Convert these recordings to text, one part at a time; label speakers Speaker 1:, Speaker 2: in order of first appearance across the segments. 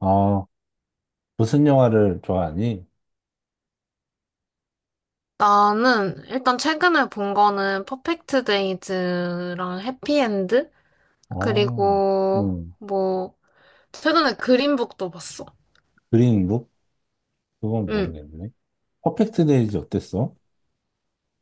Speaker 1: 아, 무슨 영화를 좋아하니?
Speaker 2: 나는 일단 최근에 본 거는 퍼펙트 데이즈랑 해피엔드
Speaker 1: 어,
Speaker 2: 그리고
Speaker 1: 음,
Speaker 2: 뭐 최근에 그린북도 봤어.
Speaker 1: 그린북? 그건
Speaker 2: 응.
Speaker 1: 모르겠네. 퍼펙트 데이즈 어땠어?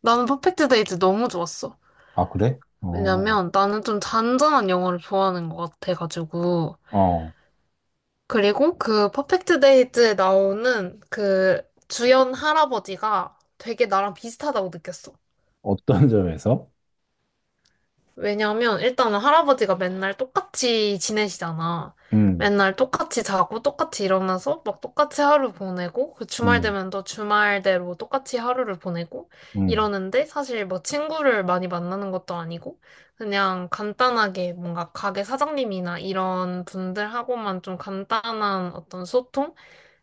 Speaker 2: 나는 퍼펙트 데이즈 너무 좋았어.
Speaker 1: 아, 그래? 어,
Speaker 2: 왜냐면 나는 좀 잔잔한 영화를 좋아하는 것 같아가지고
Speaker 1: 어,
Speaker 2: 그리고 그 퍼펙트 데이즈에 나오는 그 주연 할아버지가 되게 나랑 비슷하다고 느꼈어.
Speaker 1: 어떤 점에서?
Speaker 2: 왜냐면 일단은 할아버지가 맨날 똑같이 지내시잖아.
Speaker 1: 음,
Speaker 2: 맨날 똑같이 자고 똑같이 일어나서 막 똑같이 하루 보내고 그 주말
Speaker 1: 음,
Speaker 2: 되면 또 주말대로 똑같이 하루를 보내고
Speaker 1: 음,
Speaker 2: 이러는데 사실 뭐 친구를 많이 만나는 것도 아니고 그냥 간단하게 뭔가 가게 사장님이나 이런 분들하고만 좀 간단한 어떤 소통?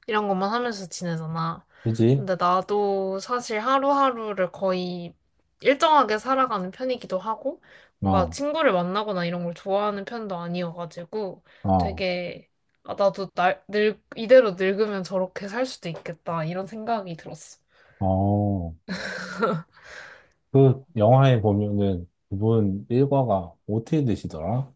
Speaker 2: 이런 것만 하면서 지내잖아.
Speaker 1: 그지?
Speaker 2: 근데 나도 사실 하루하루를 거의 일정하게 살아가는 편이기도 하고, 뭔가
Speaker 1: 어,
Speaker 2: 친구를 만나거나 이런 걸 좋아하는 편도 아니어가지고,
Speaker 1: 어,
Speaker 2: 되게, 아, 나도 이대로 늙으면 저렇게 살 수도 있겠다, 이런 생각이 들었어.
Speaker 1: 어. 그 영화에 보면은 그분 일과가 어떻게 되시더라?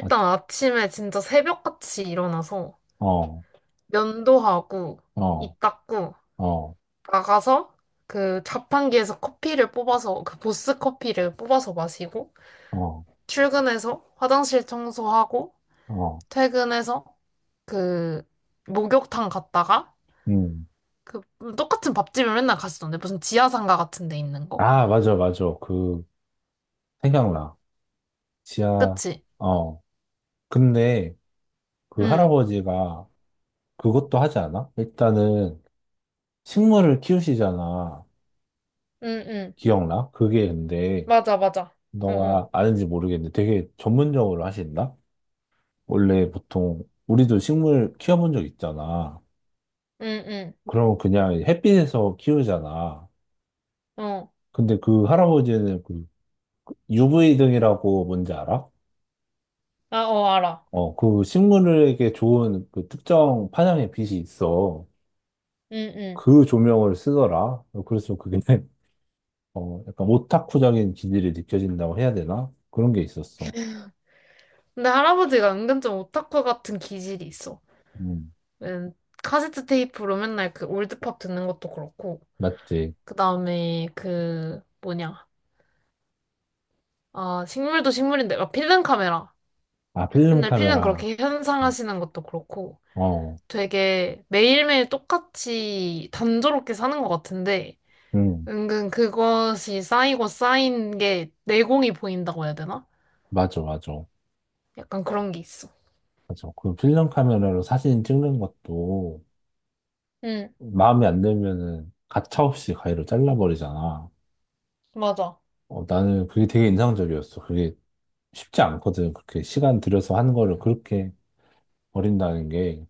Speaker 1: 아,
Speaker 2: 아침에 진짜 새벽같이 일어나서
Speaker 1: 어,
Speaker 2: 면도하고,
Speaker 1: 어,
Speaker 2: 입 닦고,
Speaker 1: 어,
Speaker 2: 나가서 그 자판기에서 그 보스 커피를 뽑아서 마시고,
Speaker 1: 어,
Speaker 2: 출근해서 화장실 청소하고
Speaker 1: 어,
Speaker 2: 퇴근해서 그 목욕탕 갔다가
Speaker 1: 음.
Speaker 2: 그 똑같은 밥집을 맨날 갔었는데 무슨 지하상가 같은 데 있는 거.
Speaker 1: 아, 맞아, 맞아. 그, 생각나. 지하,
Speaker 2: 그치?
Speaker 1: 어. 근데, 그
Speaker 2: 응,
Speaker 1: 할아버지가 그것도 하지 않아? 일단은 식물을 키우시잖아.
Speaker 2: 응, 응.
Speaker 1: 기억나? 그게 근데
Speaker 2: 맞아, 맞아. 어, 어.
Speaker 1: 너가 아는지 모르겠는데 되게 전문적으로 하신다? 원래 보통 우리도 식물 키워본 적 있잖아.
Speaker 2: 응,
Speaker 1: 그럼 그냥 햇빛에서 키우잖아.
Speaker 2: 응. 어.
Speaker 1: 근데 그 할아버지는 그 UV 등이라고 뭔지 알아?
Speaker 2: 아, 어, 알아.
Speaker 1: 어, 그 식물에게 좋은 그 특정 파장의 빛이 있어.
Speaker 2: 응, 응.
Speaker 1: 그 조명을 쓰더라. 그래서 그게 어, 약간 오타쿠적인 기질이 느껴진다고 해야 되나? 그런 게 있었어.
Speaker 2: 근데 할아버지가 은근 좀 오타쿠 같은 기질이 있어.
Speaker 1: 음,
Speaker 2: 음, 카세트 테이프로 맨날 그 올드팝 듣는 것도 그렇고,
Speaker 1: 맞지.
Speaker 2: 그 다음에 그 뭐냐. 아, 식물도 식물인데, 막 필름 카메라.
Speaker 1: 아, 필름
Speaker 2: 맨날 필름
Speaker 1: 카메라.
Speaker 2: 그렇게
Speaker 1: 어,
Speaker 2: 현상하시는 것도 그렇고
Speaker 1: 어,
Speaker 2: 되게 매일매일 똑같이 단조롭게 사는 것 같은데
Speaker 1: 음,
Speaker 2: 은근 그것이 쌓이고 쌓인 게 내공이 보인다고 해야 되나?
Speaker 1: 맞아, 맞아.
Speaker 2: 약간 그런 게 있어.
Speaker 1: 맞아. 그 필름 카메라로 사진 찍는 것도
Speaker 2: 응,
Speaker 1: 마음에 안 들면은 가차없이 가위로 잘라버리잖아.
Speaker 2: 맞아.
Speaker 1: 어, 나는 그게 되게 인상적이었어. 그게 쉽지 않거든. 그렇게 시간 들여서 한 거를 그렇게 버린다는 게,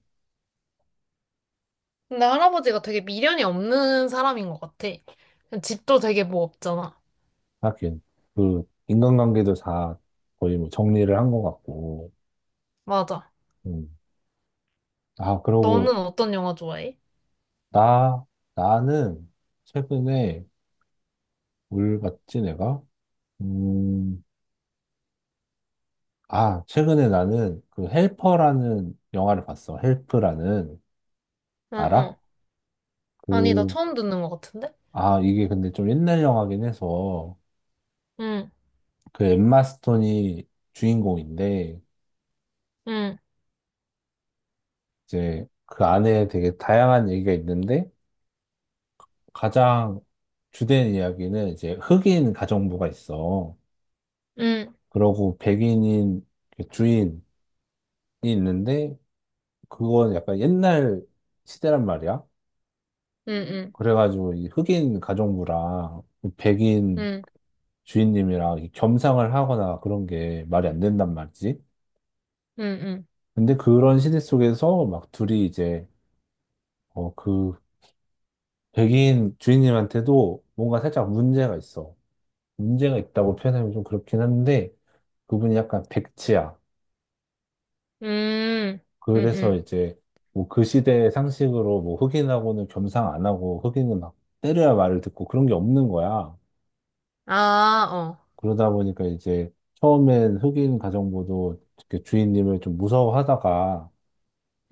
Speaker 2: 근데 할아버지가 되게 미련이 없는 사람인 것 같아. 집도 되게 뭐 없잖아.
Speaker 1: 하긴, 그, 인간관계도 다 거의 뭐 정리를 한 것 같고,
Speaker 2: 맞아.
Speaker 1: 음. 아,
Speaker 2: 너는
Speaker 1: 그러고
Speaker 2: 어떤 영화 좋아해?
Speaker 1: 나, 나는 최근에 뭘 봤지, 내가? 음, 아, 최근에 나는 그 헬퍼라는 영화를 봤어. 헬프라는.
Speaker 2: 응,
Speaker 1: 알아?
Speaker 2: 응. 아니, 나
Speaker 1: 그,
Speaker 2: 처음 듣는 것 같은데?
Speaker 1: 아, 이게 근데 좀 옛날 영화긴 해서
Speaker 2: 응,
Speaker 1: 그 엠마 스톤이 주인공인데
Speaker 2: 응,
Speaker 1: 이제 그 안에 되게 다양한 얘기가 있는데 가장 주된 이야기는 이제 흑인 가정부가 있어.
Speaker 2: 응,
Speaker 1: 그러고 백인인 그 주인이 있는데 그건 약간 옛날 시대란 말이야.
Speaker 2: 응, 응,
Speaker 1: 그래가지고 이 흑인 가정부랑 이 백인
Speaker 2: 응,
Speaker 1: 주인님이랑 이 겸상을 하거나 그런 게 말이 안 된단 말이지.
Speaker 2: 응, 응,
Speaker 1: 근데 그런 시대 속에서 막 둘이 이제 어, 그 백인 주인님한테도 뭔가 살짝 문제가 있어. 문제가 있다고 표현하면 좀 그렇긴 한데 그분이 약간 백치야.
Speaker 2: 응, 응. 응,
Speaker 1: 그래서
Speaker 2: 응.
Speaker 1: 이제 뭐 그 시대의 상식으로 뭐 흑인하고는 겸상 안 하고 흑인은 막 때려야 말을 듣고 그런 게 없는 거야.
Speaker 2: 아, 어.
Speaker 1: 그러다 보니까 이제 처음엔 흑인 가정부도 이렇게 주인님을 좀 무서워하다가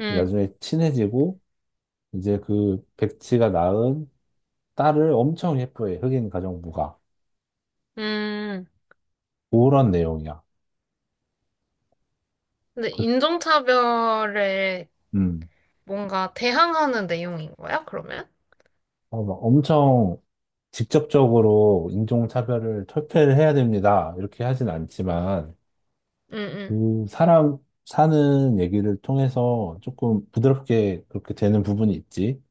Speaker 2: 음,
Speaker 1: 나중에 친해지고 이제 그 백치가 낳은 딸을 엄청 예뻐해, 흑인 가정부가.
Speaker 2: 음.
Speaker 1: 그런 내용이야.
Speaker 2: 근데
Speaker 1: 그-
Speaker 2: 인종차별에
Speaker 1: 음.
Speaker 2: 뭔가 대항하는 내용인 거야, 그러면?
Speaker 1: 어, 막 엄청 직접적으로 인종차별을 철폐를 해야 됩니다. 이렇게 하진 않지만
Speaker 2: 응, 응.
Speaker 1: 그 사람 사는 얘기를 통해서 조금 부드럽게 그렇게 되는 부분이 있지.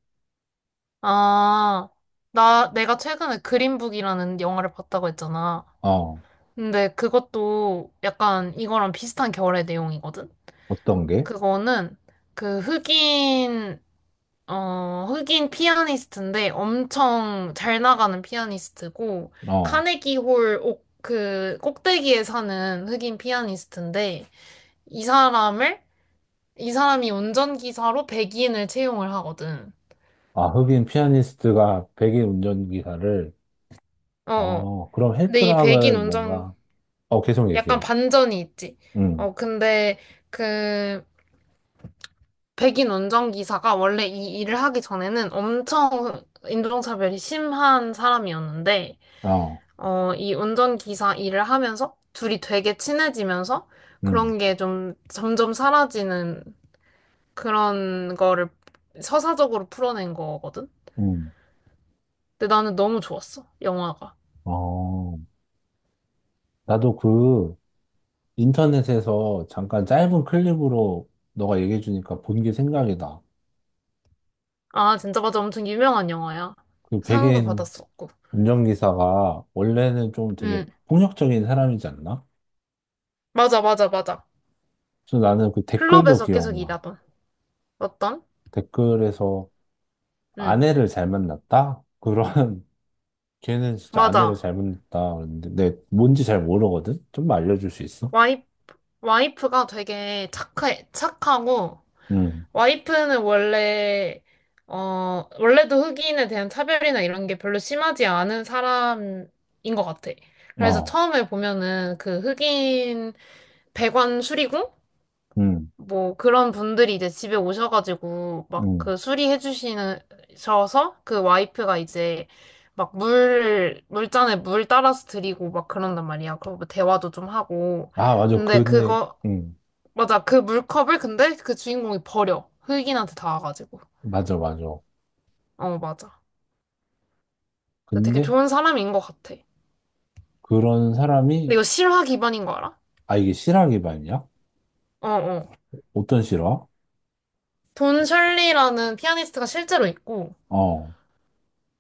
Speaker 2: 아, 내가 최근에 그린북이라는 영화를 봤다고 했잖아.
Speaker 1: 어,
Speaker 2: 근데 그것도 약간 이거랑 비슷한 결의 내용이거든?
Speaker 1: 어떤 게?
Speaker 2: 그거는 그 흑인 흑인 피아니스트인데 엄청 잘 나가는 피아니스트고,
Speaker 1: 어.
Speaker 2: 그 꼭대기에 사는 흑인 피아니스트인데, 이 사람을, 이 사람이 운전기사로 백인을 채용을 하거든.
Speaker 1: 아, 흑인 피아니스트가 백인 운전기사를,
Speaker 2: 어, 어.
Speaker 1: 어, 그럼
Speaker 2: 근데 이 백인
Speaker 1: 헬프랑은
Speaker 2: 운전,
Speaker 1: 뭔가, 어, 계속
Speaker 2: 약간
Speaker 1: 얘기해.
Speaker 2: 반전이 있지.
Speaker 1: 응,
Speaker 2: 어, 근데 그 백인 운전기사가 원래 이 일을 하기 전에는 엄청 인종차별이 심한 사람이었는데,
Speaker 1: 어,
Speaker 2: 어, 이 운전기사 일을 하면서 둘이 되게 친해지면서
Speaker 1: 응,
Speaker 2: 그런 게 좀 점점 사라지는 그런 거를 서사적으로 풀어낸 거거든?
Speaker 1: 응,
Speaker 2: 근데 나는 너무 좋았어, 영화가.
Speaker 1: 어. 나도 그 인터넷에서 잠깐 짧은 클립으로 너가 얘기해주니까 본 게 생각이 나.
Speaker 2: 아, 진짜 맞아. 엄청 유명한 영화야.
Speaker 1: 그
Speaker 2: 상도
Speaker 1: 백인
Speaker 2: 받았었고.
Speaker 1: 운전기사가 원래는 좀 되게
Speaker 2: 응.
Speaker 1: 폭력적인 사람이지 않나?
Speaker 2: 맞아, 맞아, 맞아.
Speaker 1: 그래서 나는 그 댓글도
Speaker 2: 클럽에서 계속
Speaker 1: 기억나.
Speaker 2: 일하던. 어떤?
Speaker 1: 댓글에서
Speaker 2: 응.
Speaker 1: 아내를 잘 만났다? 그런 걔는 진짜 아내를
Speaker 2: 맞아.
Speaker 1: 잘못 낳았다 그랬는데 내 뭔지 잘 모르거든? 좀 알려줄 수 있어?
Speaker 2: 와이, 와이프가 되게 착해, 착하고
Speaker 1: 응,
Speaker 2: 와이프는 원래도 흑인에 대한 차별이나 이런 게 별로 심하지 않은 사람인 것 같아. 그래서
Speaker 1: 어,
Speaker 2: 처음에 보면은 그 흑인 배관 수리공?
Speaker 1: 응,
Speaker 2: 뭐 그런 분들이 이제 집에 오셔가지고 막
Speaker 1: 응.
Speaker 2: 그 수리해 주시는, 셔서 그 와이프가 이제 막 물잔에 물 따라서 드리고 막 그런단 말이야. 그리고 뭐 대화도 좀 하고.
Speaker 1: 아, 맞아.
Speaker 2: 근데
Speaker 1: 근데,
Speaker 2: 그거,
Speaker 1: 응,
Speaker 2: 맞아. 그 물컵을 근데 그 주인공이 버려. 흑인한테 닿아가지고.
Speaker 1: 맞아, 맞아.
Speaker 2: 어, 맞아. 근데 되게
Speaker 1: 근데
Speaker 2: 좋은 사람인 것 같아. 근데
Speaker 1: 그런 사람이,
Speaker 2: 이거 실화 기반인 거 알아?
Speaker 1: 아, 이게 실화 기반이야?
Speaker 2: 어, 어.
Speaker 1: 어떤 실화?
Speaker 2: 돈 셜리라는 피아니스트가 실제로 있고,
Speaker 1: 어,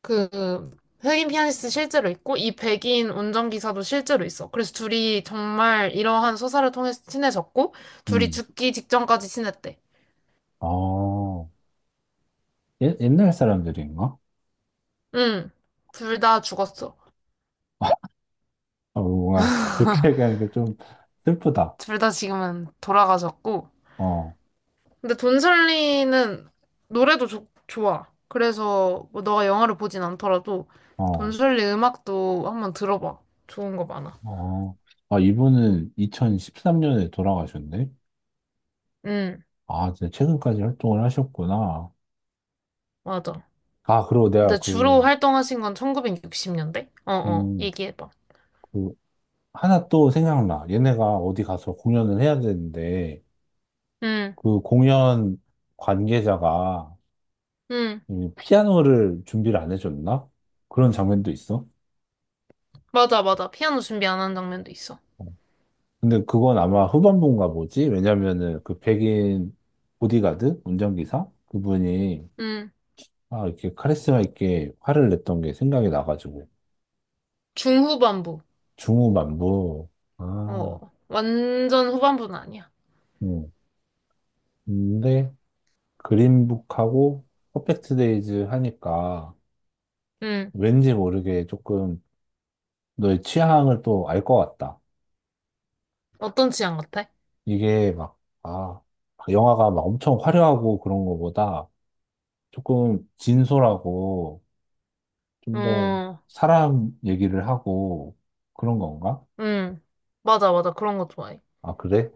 Speaker 2: 그, 흑인 피아니스트 실제로 있고, 이 백인 운전기사도 실제로 있어. 그래서 둘이 정말 이러한 소사를 통해서 친해졌고, 둘이
Speaker 1: 응,
Speaker 2: 죽기 직전까지 친했대.
Speaker 1: 어, 옛, 옛날 사람들인가?
Speaker 2: 응. 둘 다 죽었어.
Speaker 1: 어, 뭔가 그렇게 얘기하니까 좀 슬프다.
Speaker 2: 둘 다 지금은 돌아가셨고,
Speaker 1: 어,
Speaker 2: 근데 돈설리는 노래도 좋아. 그래서 뭐 너가 영화를 보진 않더라도
Speaker 1: 어,
Speaker 2: 돈설리 음악도 한번 들어봐. 좋은 거 많아.
Speaker 1: 어. 아, 이분은 2013년에 돌아가셨네?
Speaker 2: 응,
Speaker 1: 아, 진짜 최근까지 활동을 하셨구나.
Speaker 2: 맞아.
Speaker 1: 아, 그리고 내가
Speaker 2: 근데 주로
Speaker 1: 그,
Speaker 2: 활동하신 건 1960년대? 어 어,
Speaker 1: 음,
Speaker 2: 얘기해봐.
Speaker 1: 그, 하나 또 생각나. 얘네가 어디 가서 공연을 해야 되는데,
Speaker 2: 응,
Speaker 1: 그 공연 관계자가
Speaker 2: 응.
Speaker 1: 이 피아노를 준비를 안 해줬나? 그런 장면도 있어.
Speaker 2: 맞아, 맞아. 피아노 준비 안 한 장면도 있어.
Speaker 1: 어. 근데 그건 아마 후반부인가 보지? 왜냐면은 그 백인 보디가드? 운전기사? 그분이
Speaker 2: 응.
Speaker 1: 아, 이렇게 카리스마 있게 화를 냈던 게 생각이 나가지고.
Speaker 2: 중후반부.
Speaker 1: 중후반부. 아,
Speaker 2: 어, 완전 후반부는 아니야.
Speaker 1: 음. 근데, 그린북하고 퍼펙트 데이즈 하니까
Speaker 2: 응.
Speaker 1: 왠지 모르게 조금 너의 취향을 또 알 것 같다.
Speaker 2: 어떤 취향 같아?
Speaker 1: 이게 막, 아, 영화가 막 엄청 화려하고 그런 거보다 조금 진솔하고 좀 더
Speaker 2: 어,
Speaker 1: 사람 얘기를 하고 그런 건가?
Speaker 2: 응. 맞아, 맞아. 그런 거 좋아해.
Speaker 1: 아, 그래?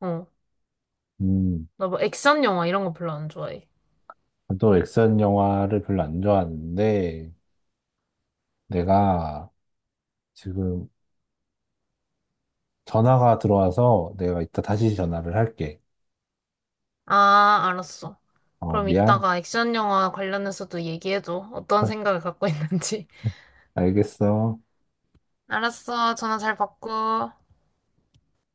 Speaker 2: 어.
Speaker 1: 음,
Speaker 2: 나 뭐 액션 영화 이런 거 별로 안 좋아해.
Speaker 1: 또 액션 영화를 별로 안 좋아하는데 내가 지금 전화가 들어와서 내가 이따 다시 전화를 할게.
Speaker 2: 아, 알았어.
Speaker 1: 어,
Speaker 2: 그럼
Speaker 1: 미안.
Speaker 2: 이따가 액션 영화 관련해서도 얘기해줘. 어떤 생각을 갖고 있는지.
Speaker 1: 알겠어.
Speaker 2: 알았어. 전화 잘 받고.